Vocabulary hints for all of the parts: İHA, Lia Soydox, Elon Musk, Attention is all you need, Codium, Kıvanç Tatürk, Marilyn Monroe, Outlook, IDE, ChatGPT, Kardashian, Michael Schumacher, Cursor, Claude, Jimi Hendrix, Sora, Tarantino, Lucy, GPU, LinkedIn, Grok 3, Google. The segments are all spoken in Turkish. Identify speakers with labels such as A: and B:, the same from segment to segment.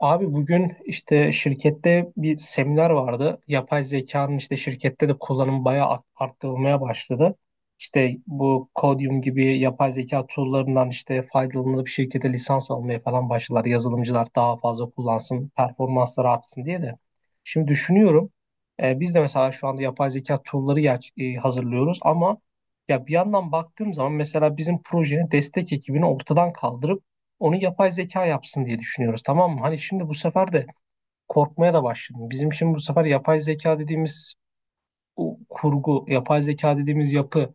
A: Abi bugün işte şirkette bir seminer vardı. Yapay zekanın işte şirkette de kullanımı bayağı arttırılmaya başladı. İşte bu Codium gibi yapay zeka tool'larından işte faydalanıp şirkete lisans almaya falan başladılar. Yazılımcılar daha fazla kullansın, performansları artsın diye de. Şimdi düşünüyorum, biz de mesela şu anda yapay zeka tool'ları hazırlıyoruz ama ya bir yandan baktığım zaman mesela bizim projenin destek ekibini ortadan kaldırıp onu yapay zeka yapsın diye düşünüyoruz, tamam mı? Hani şimdi bu sefer de korkmaya da başladım. Bizim şimdi bu sefer yapay zeka dediğimiz o kurgu, yapay zeka dediğimiz yapı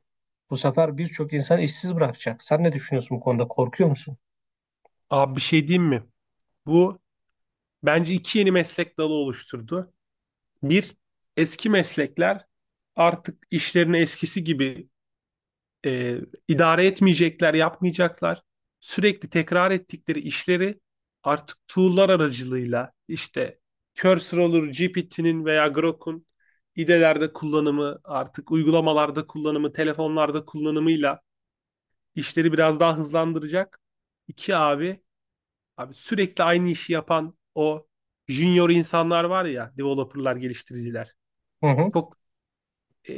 A: bu sefer birçok insan işsiz bırakacak. Sen ne düşünüyorsun bu konuda? Korkuyor musun?
B: Abi bir şey diyeyim mi? Bu bence iki yeni meslek dalı oluşturdu. Bir, eski meslekler artık işlerini eskisi gibi e, idare etmeyecekler, yapmayacaklar. Sürekli tekrar ettikleri işleri artık tool'lar aracılığıyla işte Cursor olur, GPT'nin veya Grok'un idelerde kullanımı, artık uygulamalarda kullanımı, telefonlarda kullanımıyla işleri biraz daha hızlandıracak. İki abi Abi sürekli aynı işi yapan o junior insanlar var ya, developerlar, geliştiriciler.
A: Hı hı.
B: Çok e,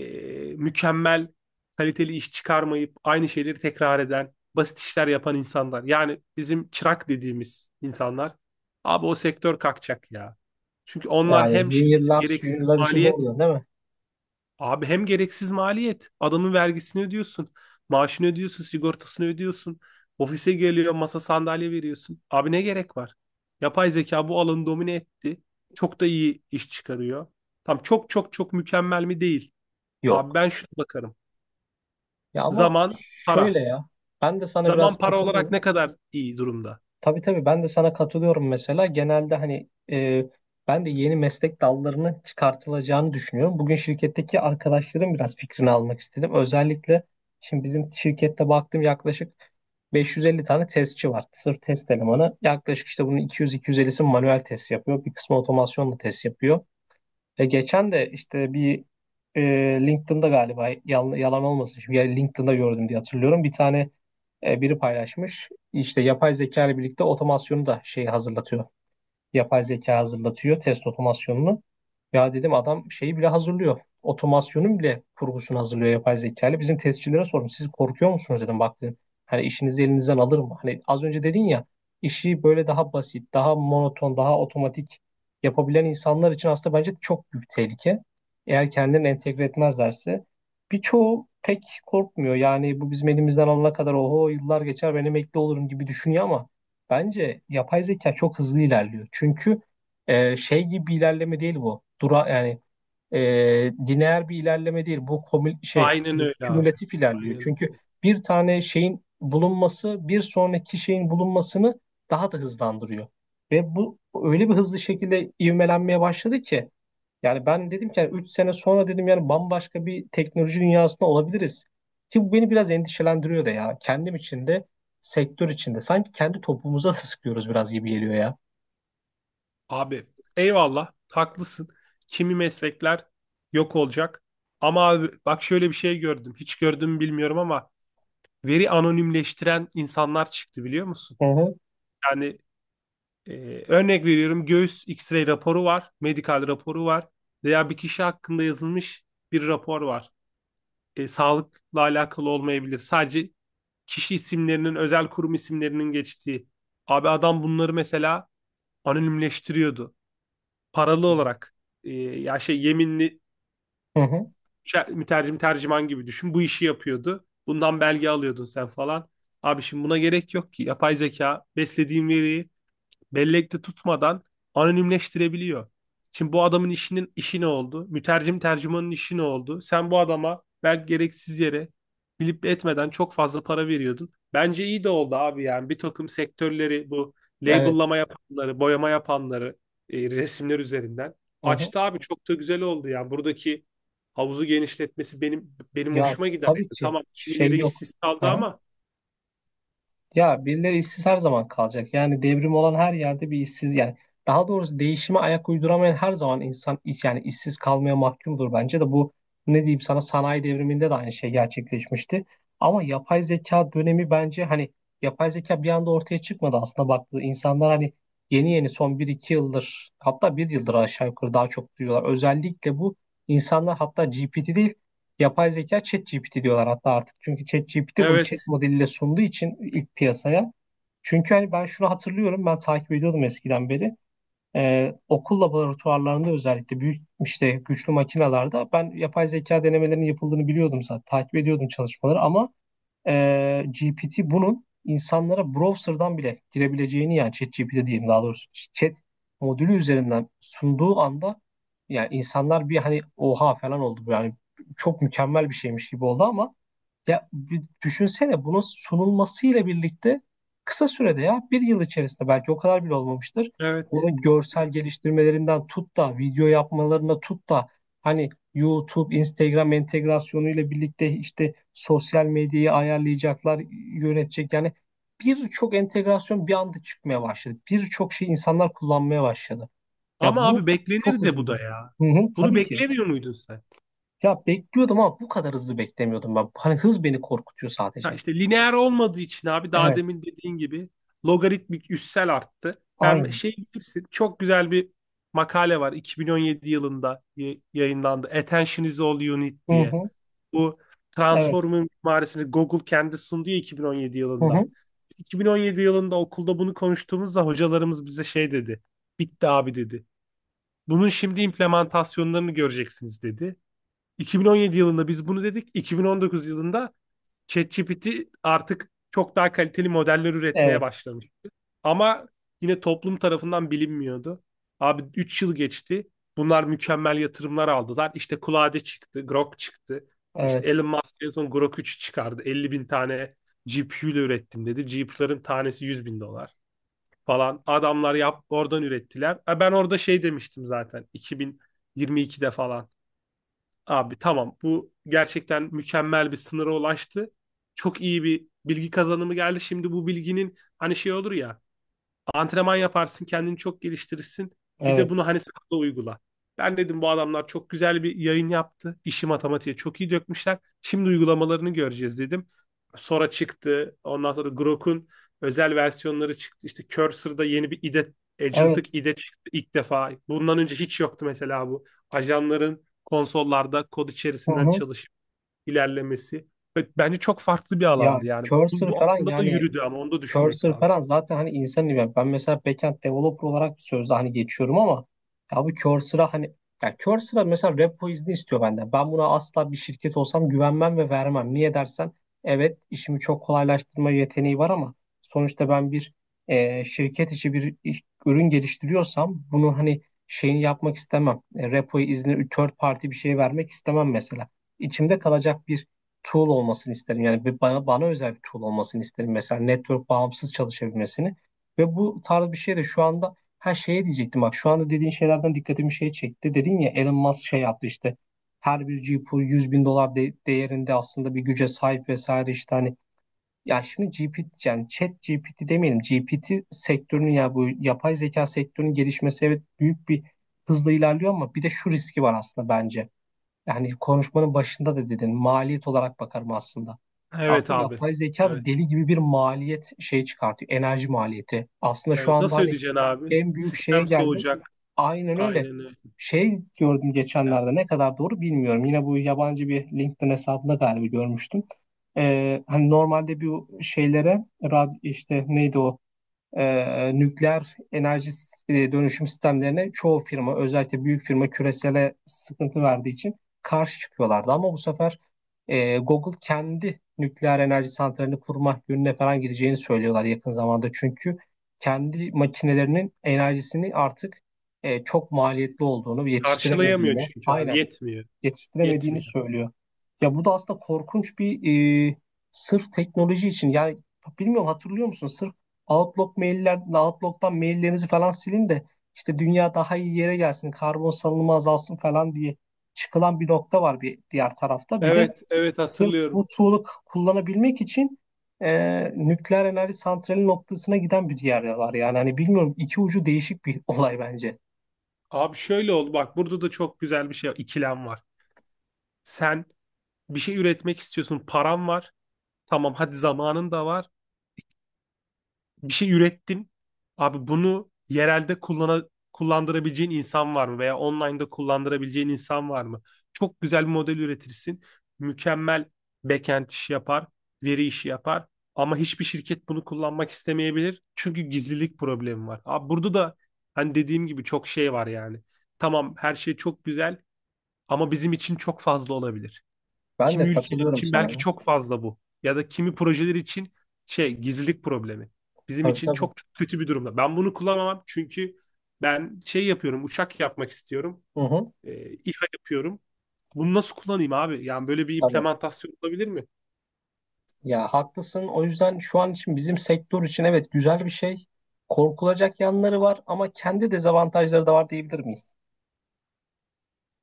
B: mükemmel, kaliteli iş çıkarmayıp aynı şeyleri tekrar eden, basit işler yapan insanlar. Yani bizim çırak dediğimiz insanlar. Abi o sektör kalkacak ya. Çünkü onlar
A: Yani
B: hem şirkete
A: juniorlar,
B: gereksiz
A: juniorlar işi zor
B: maliyet.
A: da değil mi?
B: Abi hem gereksiz maliyet. Adamın vergisini ödüyorsun. Maaşını ödüyorsun. Sigortasını ödüyorsun. Ofise geliyor masa sandalye veriyorsun. Abi ne gerek var? Yapay zeka bu alanı domine etti. Çok da iyi iş çıkarıyor. Tam çok çok çok mükemmel mi değil. Abi
A: Yok.
B: ben şuna bakarım.
A: Ya ama
B: Zaman, para.
A: şöyle ya. Ben de sana biraz
B: Zaman para olarak
A: katılıyorum.
B: ne kadar iyi durumda?
A: Tabii tabii, ben de sana katılıyorum mesela. Genelde hani ben de yeni meslek dallarının çıkartılacağını düşünüyorum. Bugün şirketteki arkadaşlarım biraz fikrini almak istedim. Özellikle şimdi bizim şirkette baktım, yaklaşık 550 tane testçi var. Sırf test elemanı. Yaklaşık işte bunun 200-250'si manuel test yapıyor. Bir kısmı otomasyonla test yapıyor. Ve geçen de işte bir e, LinkedIn'da galiba, yalan olmasın. Şimdi ya LinkedIn'da gördüm diye hatırlıyorum. Bir tane biri paylaşmış. İşte yapay zeka ile birlikte otomasyonu da şey hazırlatıyor, yapay zeka hazırlatıyor test otomasyonunu. Ya dedim adam şeyi bile hazırlıyor. Otomasyonun bile kurgusunu hazırlıyor yapay zeka ile. Bizim testçilere sordum. Siz korkuyor musunuz dedim. Bak dedim. Hani işinizi elinizden alır mı? Hani az önce dedin ya, işi böyle daha basit, daha monoton, daha otomatik yapabilen insanlar için aslında bence çok büyük tehlike. Eğer kendilerini entegre etmezlerse. Birçoğu pek korkmuyor. Yani bu bizim elimizden alana kadar oho yıllar geçer, ben emekli olurum gibi düşünüyor ama bence yapay zeka çok hızlı ilerliyor. Çünkü şey gibi bir ilerleme değil bu. Dura yani lineer bir ilerleme değil. Bu
B: Aynen öyle abi.
A: kümülatif ilerliyor.
B: Aynen
A: Çünkü
B: öyle.
A: bir tane şeyin bulunması bir sonraki şeyin bulunmasını daha da hızlandırıyor. Ve bu öyle bir hızlı şekilde ivmelenmeye başladı ki, yani ben dedim ki yani 3 sene sonra dedim, yani bambaşka bir teknoloji dünyasında olabiliriz. Ki bu beni biraz endişelendiriyor da ya. Kendim için de sektör içinde sanki kendi topumuza da sıkıyoruz biraz gibi geliyor ya.
B: Abi eyvallah haklısın. Kimi meslekler yok olacak. Ama abi bak şöyle bir şey gördüm. Hiç gördüm mü bilmiyorum ama veri anonimleştiren insanlar çıktı biliyor musun?
A: Hı hı.
B: Yani örnek veriyorum, göğüs X-ray raporu var. Medikal raporu var. Veya bir kişi hakkında yazılmış bir rapor var. Sağlıkla alakalı olmayabilir. Sadece kişi isimlerinin, özel kurum isimlerinin geçtiği. Abi adam bunları mesela anonimleştiriyordu, paralı olarak. Ya şey, yeminli
A: Hı hı.
B: mütercim tercüman gibi düşün. Bu işi yapıyordu. Bundan belge alıyordun sen falan. Abi şimdi buna gerek yok ki. Yapay zeka beslediğin veriyi bellekte tutmadan anonimleştirebiliyor. Şimdi bu adamın işinin işi ne oldu? Mütercim tercümanın işi ne oldu? Sen bu adama belki gereksiz yere bilip etmeden çok fazla para veriyordun. Bence iyi de oldu abi, yani bir takım sektörleri, bu
A: Evet.
B: labellama yapanları, boyama yapanları, resimler üzerinden
A: Hı hı.
B: açtı abi, çok da güzel oldu yani. Buradaki havuzu genişletmesi benim
A: Ya
B: hoşuma gider yani.
A: tabii ki,
B: Tamam,
A: şey
B: kimileri
A: yok.
B: işsiz kaldı
A: Hı.
B: ama
A: Ya birileri işsiz her zaman kalacak. Yani devrim olan her yerde bir işsiz, yani daha doğrusu değişime ayak uyduramayan her zaman insan yani işsiz kalmaya mahkumdur bence de. Bu, ne diyeyim sana, sanayi devriminde de aynı şey gerçekleşmişti. Ama yapay zeka dönemi bence hani, yapay zeka bir anda ortaya çıkmadı aslında, baktığı insanlar hani yeni yeni son bir iki yıldır, hatta bir yıldır aşağı yukarı daha çok duyuyorlar. Özellikle bu insanlar hatta GPT değil, yapay zeka ChatGPT diyorlar hatta artık. Çünkü ChatGPT bunu chat
B: evet,
A: modeliyle sunduğu için ilk piyasaya. Çünkü hani ben şunu hatırlıyorum, ben takip ediyordum eskiden beri. Okul laboratuvarlarında özellikle büyük işte güçlü makinalarda ben yapay zeka denemelerinin yapıldığını biliyordum zaten. Takip ediyordum çalışmaları ama GPT bunun insanlara browser'dan bile girebileceğini, yani ChatGPT diyeyim daha doğrusu, chat modülü üzerinden sunduğu anda yani insanlar bir hani oha falan oldu yani, çok mükemmel bir şeymiş gibi oldu ama ya bir düşünsene, bunun sunulmasıyla birlikte kısa sürede, ya bir yıl içerisinde belki, o kadar bile olmamıştır.
B: evet.
A: Bunun görsel geliştirmelerinden tut da video yapmalarına tut da, hani YouTube, Instagram entegrasyonuyla birlikte işte sosyal medyayı ayarlayacaklar, yönetecek yani, birçok entegrasyon bir anda çıkmaya başladı. Birçok şey insanlar kullanmaya başladı. Ya
B: Ama
A: bu
B: abi
A: çok
B: beklenir de
A: hızlı.
B: bu da ya.
A: Hı hı,
B: Bunu
A: tabii ki.
B: beklemiyor muydun sen?
A: Ya bekliyordum ama bu kadar hızlı beklemiyordum ben. Hani hız beni korkutuyor
B: Ha
A: sadece.
B: işte lineer olmadığı için abi, daha
A: Evet,
B: demin dediğin gibi logaritmik, üssel arttı. Ben
A: aynı.
B: şey, bilirsin çok güzel bir makale var, 2017 yılında yayınlandı. Attention is all you need
A: Hı
B: diye.
A: hı,
B: Bu
A: evet.
B: transformun mimarisini Google kendi sundu ya 2017
A: Hı
B: yılında.
A: hı,
B: Biz 2017 yılında okulda bunu konuştuğumuzda hocalarımız bize şey dedi. Bitti abi dedi. Bunun şimdi implementasyonlarını göreceksiniz dedi. 2017 yılında biz bunu dedik. 2019 yılında ChatGPT artık çok daha kaliteli modeller üretmeye
A: evet,
B: başlamıştı. Ama yine toplum tarafından bilinmiyordu. Abi 3 yıl geçti. Bunlar mükemmel yatırımlar aldılar. İşte Claude çıktı, Grok çıktı. İşte
A: evet,
B: Elon Musk en son Grok 3'ü çıkardı. 50.000 tane GPU ile ürettim dedi. GPU'ların tanesi 100.000 dolar falan. Adamlar yap oradan ürettiler. Ben orada şey demiştim zaten, 2022'de falan. Abi tamam, bu gerçekten mükemmel bir sınıra ulaştı. Çok iyi bir bilgi kazanımı geldi. Şimdi bu bilginin, hani şey olur ya, antrenman yaparsın, kendini çok geliştirirsin. Bir de
A: evet,
B: bunu hani sahada uygula. Ben dedim bu adamlar çok güzel bir yayın yaptı. İşi matematiğe çok iyi dökmüşler. Şimdi uygulamalarını göreceğiz dedim. Sora çıktı. Ondan sonra Grok'un özel versiyonları çıktı. İşte Cursor'da yeni bir IDE,
A: evet.
B: Agent'lık IDE çıktı ilk defa. Bundan önce hiç yoktu mesela bu. Ajanların konsollarda kod
A: Hı
B: içerisinden
A: hı.
B: çalışıp ilerlemesi. Ve bence çok farklı bir
A: Ya
B: alandı yani. Bu,
A: Cursor
B: bu
A: falan
B: aslında da
A: yani,
B: yürüdü ama onu da düşünmek
A: Cursor
B: lazım.
A: falan zaten hani insan ben. Ben mesela backend developer olarak sözde hani geçiyorum ama ya bu Cursor'a hani, ya Cursor'a mesela repo izni istiyor benden. Ben buna asla bir şirket olsam güvenmem ve vermem. Niye dersen, evet işimi çok kolaylaştırma yeteneği var ama sonuçta ben bir şirket içi bir ürün geliştiriyorsam bunu hani şeyini yapmak istemem. Repo izni third party bir şey vermek istemem mesela. İçimde kalacak bir tool olmasını isterim. Yani bir bana özel bir tool olmasını isterim. Mesela network bağımsız çalışabilmesini ve bu tarz bir şey de. Şu anda her şeye diyecektim. Bak şu anda dediğin şeylerden dikkatimi şey çekti. Dedin ya Elon Musk şey yaptı işte, her bir GPU 100.000 dolar değerinde aslında bir güce sahip vesaire işte hani, ya şimdi GPT yani chat GPT demeyelim, GPT sektörünün ya bu yapay zeka sektörünün gelişmesi evet büyük bir hızla ilerliyor ama bir de şu riski var aslında bence. Yani konuşmanın başında da dedin, maliyet olarak bakarım aslında.
B: Evet
A: Aslında
B: abi.
A: yapay zeka da
B: Evet.
A: deli gibi bir maliyet şey çıkartıyor. Enerji maliyeti. Aslında şu
B: Evet,
A: anda
B: nasıl
A: hani
B: ödeyeceksin abi?
A: en büyük şeye
B: Sistem
A: geldi.
B: soğuyacak.
A: Aynen öyle.
B: Aynen öyle
A: Şey gördüm
B: ya.
A: geçenlerde, ne kadar doğru bilmiyorum. Yine bu yabancı bir LinkedIn hesabında galiba görmüştüm. Hani normalde bu şeylere işte neydi o nükleer enerji dönüşüm sistemlerine, çoğu firma özellikle büyük firma küresele sıkıntı verdiği için karşı çıkıyorlardı. Ama bu sefer Google kendi nükleer enerji santralini kurma yönüne falan gideceğini söylüyorlar yakın zamanda. Çünkü kendi makinelerinin enerjisini artık çok maliyetli olduğunu,
B: Karşılayamıyor
A: yetiştiremediğini,
B: çünkü abi.
A: aynen
B: Yetmiyor.
A: yetiştiremediğini
B: Yetmiyor.
A: söylüyor. Ya bu da aslında korkunç bir sırf teknoloji için yani, bilmiyorum hatırlıyor musun? Sırf Outlook mailler, Outlook'tan maillerinizi falan silin de işte dünya daha iyi yere gelsin, karbon salınımı azalsın falan diye çıkılan bir nokta var bir diğer tarafta. Bir de
B: Evet, evet
A: sırf
B: hatırlıyorum.
A: bu tool'u kullanabilmek için nükleer enerji santrali noktasına giden bir diğer de var. Yani hani bilmiyorum, iki ucu değişik bir olay bence.
B: Abi şöyle oldu. Bak burada da çok güzel bir şey, ikilem var. Sen bir şey üretmek istiyorsun. Paran var. Tamam hadi, zamanın da var. Bir şey ürettin. Abi bunu yerelde kullandırabileceğin insan var mı? Veya online'da kullandırabileceğin insan var mı? Çok güzel bir model üretirsin. Mükemmel backend işi yapar, veri işi yapar. Ama hiçbir şirket bunu kullanmak istemeyebilir. Çünkü gizlilik problemi var. Abi burada da hani dediğim gibi çok şey var yani. Tamam, her şey çok güzel ama bizim için çok fazla olabilir.
A: Ben
B: Kimi
A: de
B: ülkeler
A: katılıyorum
B: için
A: sana
B: belki
A: ya.
B: çok fazla bu. Ya da kimi projeler için, şey, gizlilik problemi. Bizim
A: Tabii
B: için
A: tabii.
B: çok, çok kötü bir durumda. Ben bunu kullanamam çünkü ben şey yapıyorum, uçak yapmak istiyorum.
A: Hı hı.
B: İHA yapıyorum. Bunu nasıl kullanayım abi? Yani böyle bir
A: Tabii.
B: implementasyon olabilir mi?
A: Ya haklısın. O yüzden şu an için bizim sektör için evet güzel bir şey. Korkulacak yanları var ama kendi dezavantajları da var diyebilir miyiz?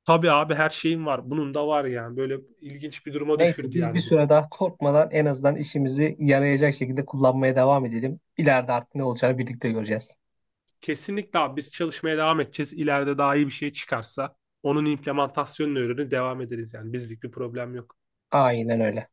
B: Tabii abi, her şeyim var. Bunun da var yani. Böyle ilginç bir duruma
A: Neyse
B: düşürdü
A: biz bir
B: yani bizi.
A: süre daha korkmadan en azından işimizi yarayacak şekilde kullanmaya devam edelim. İleride artık ne olacağını birlikte göreceğiz.
B: Kesinlikle abi, biz çalışmaya devam edeceğiz. İleride daha iyi bir şey çıkarsa onun implementasyonunu öğrenip devam ederiz yani. Bizlik bir problem yok.
A: Aynen öyle.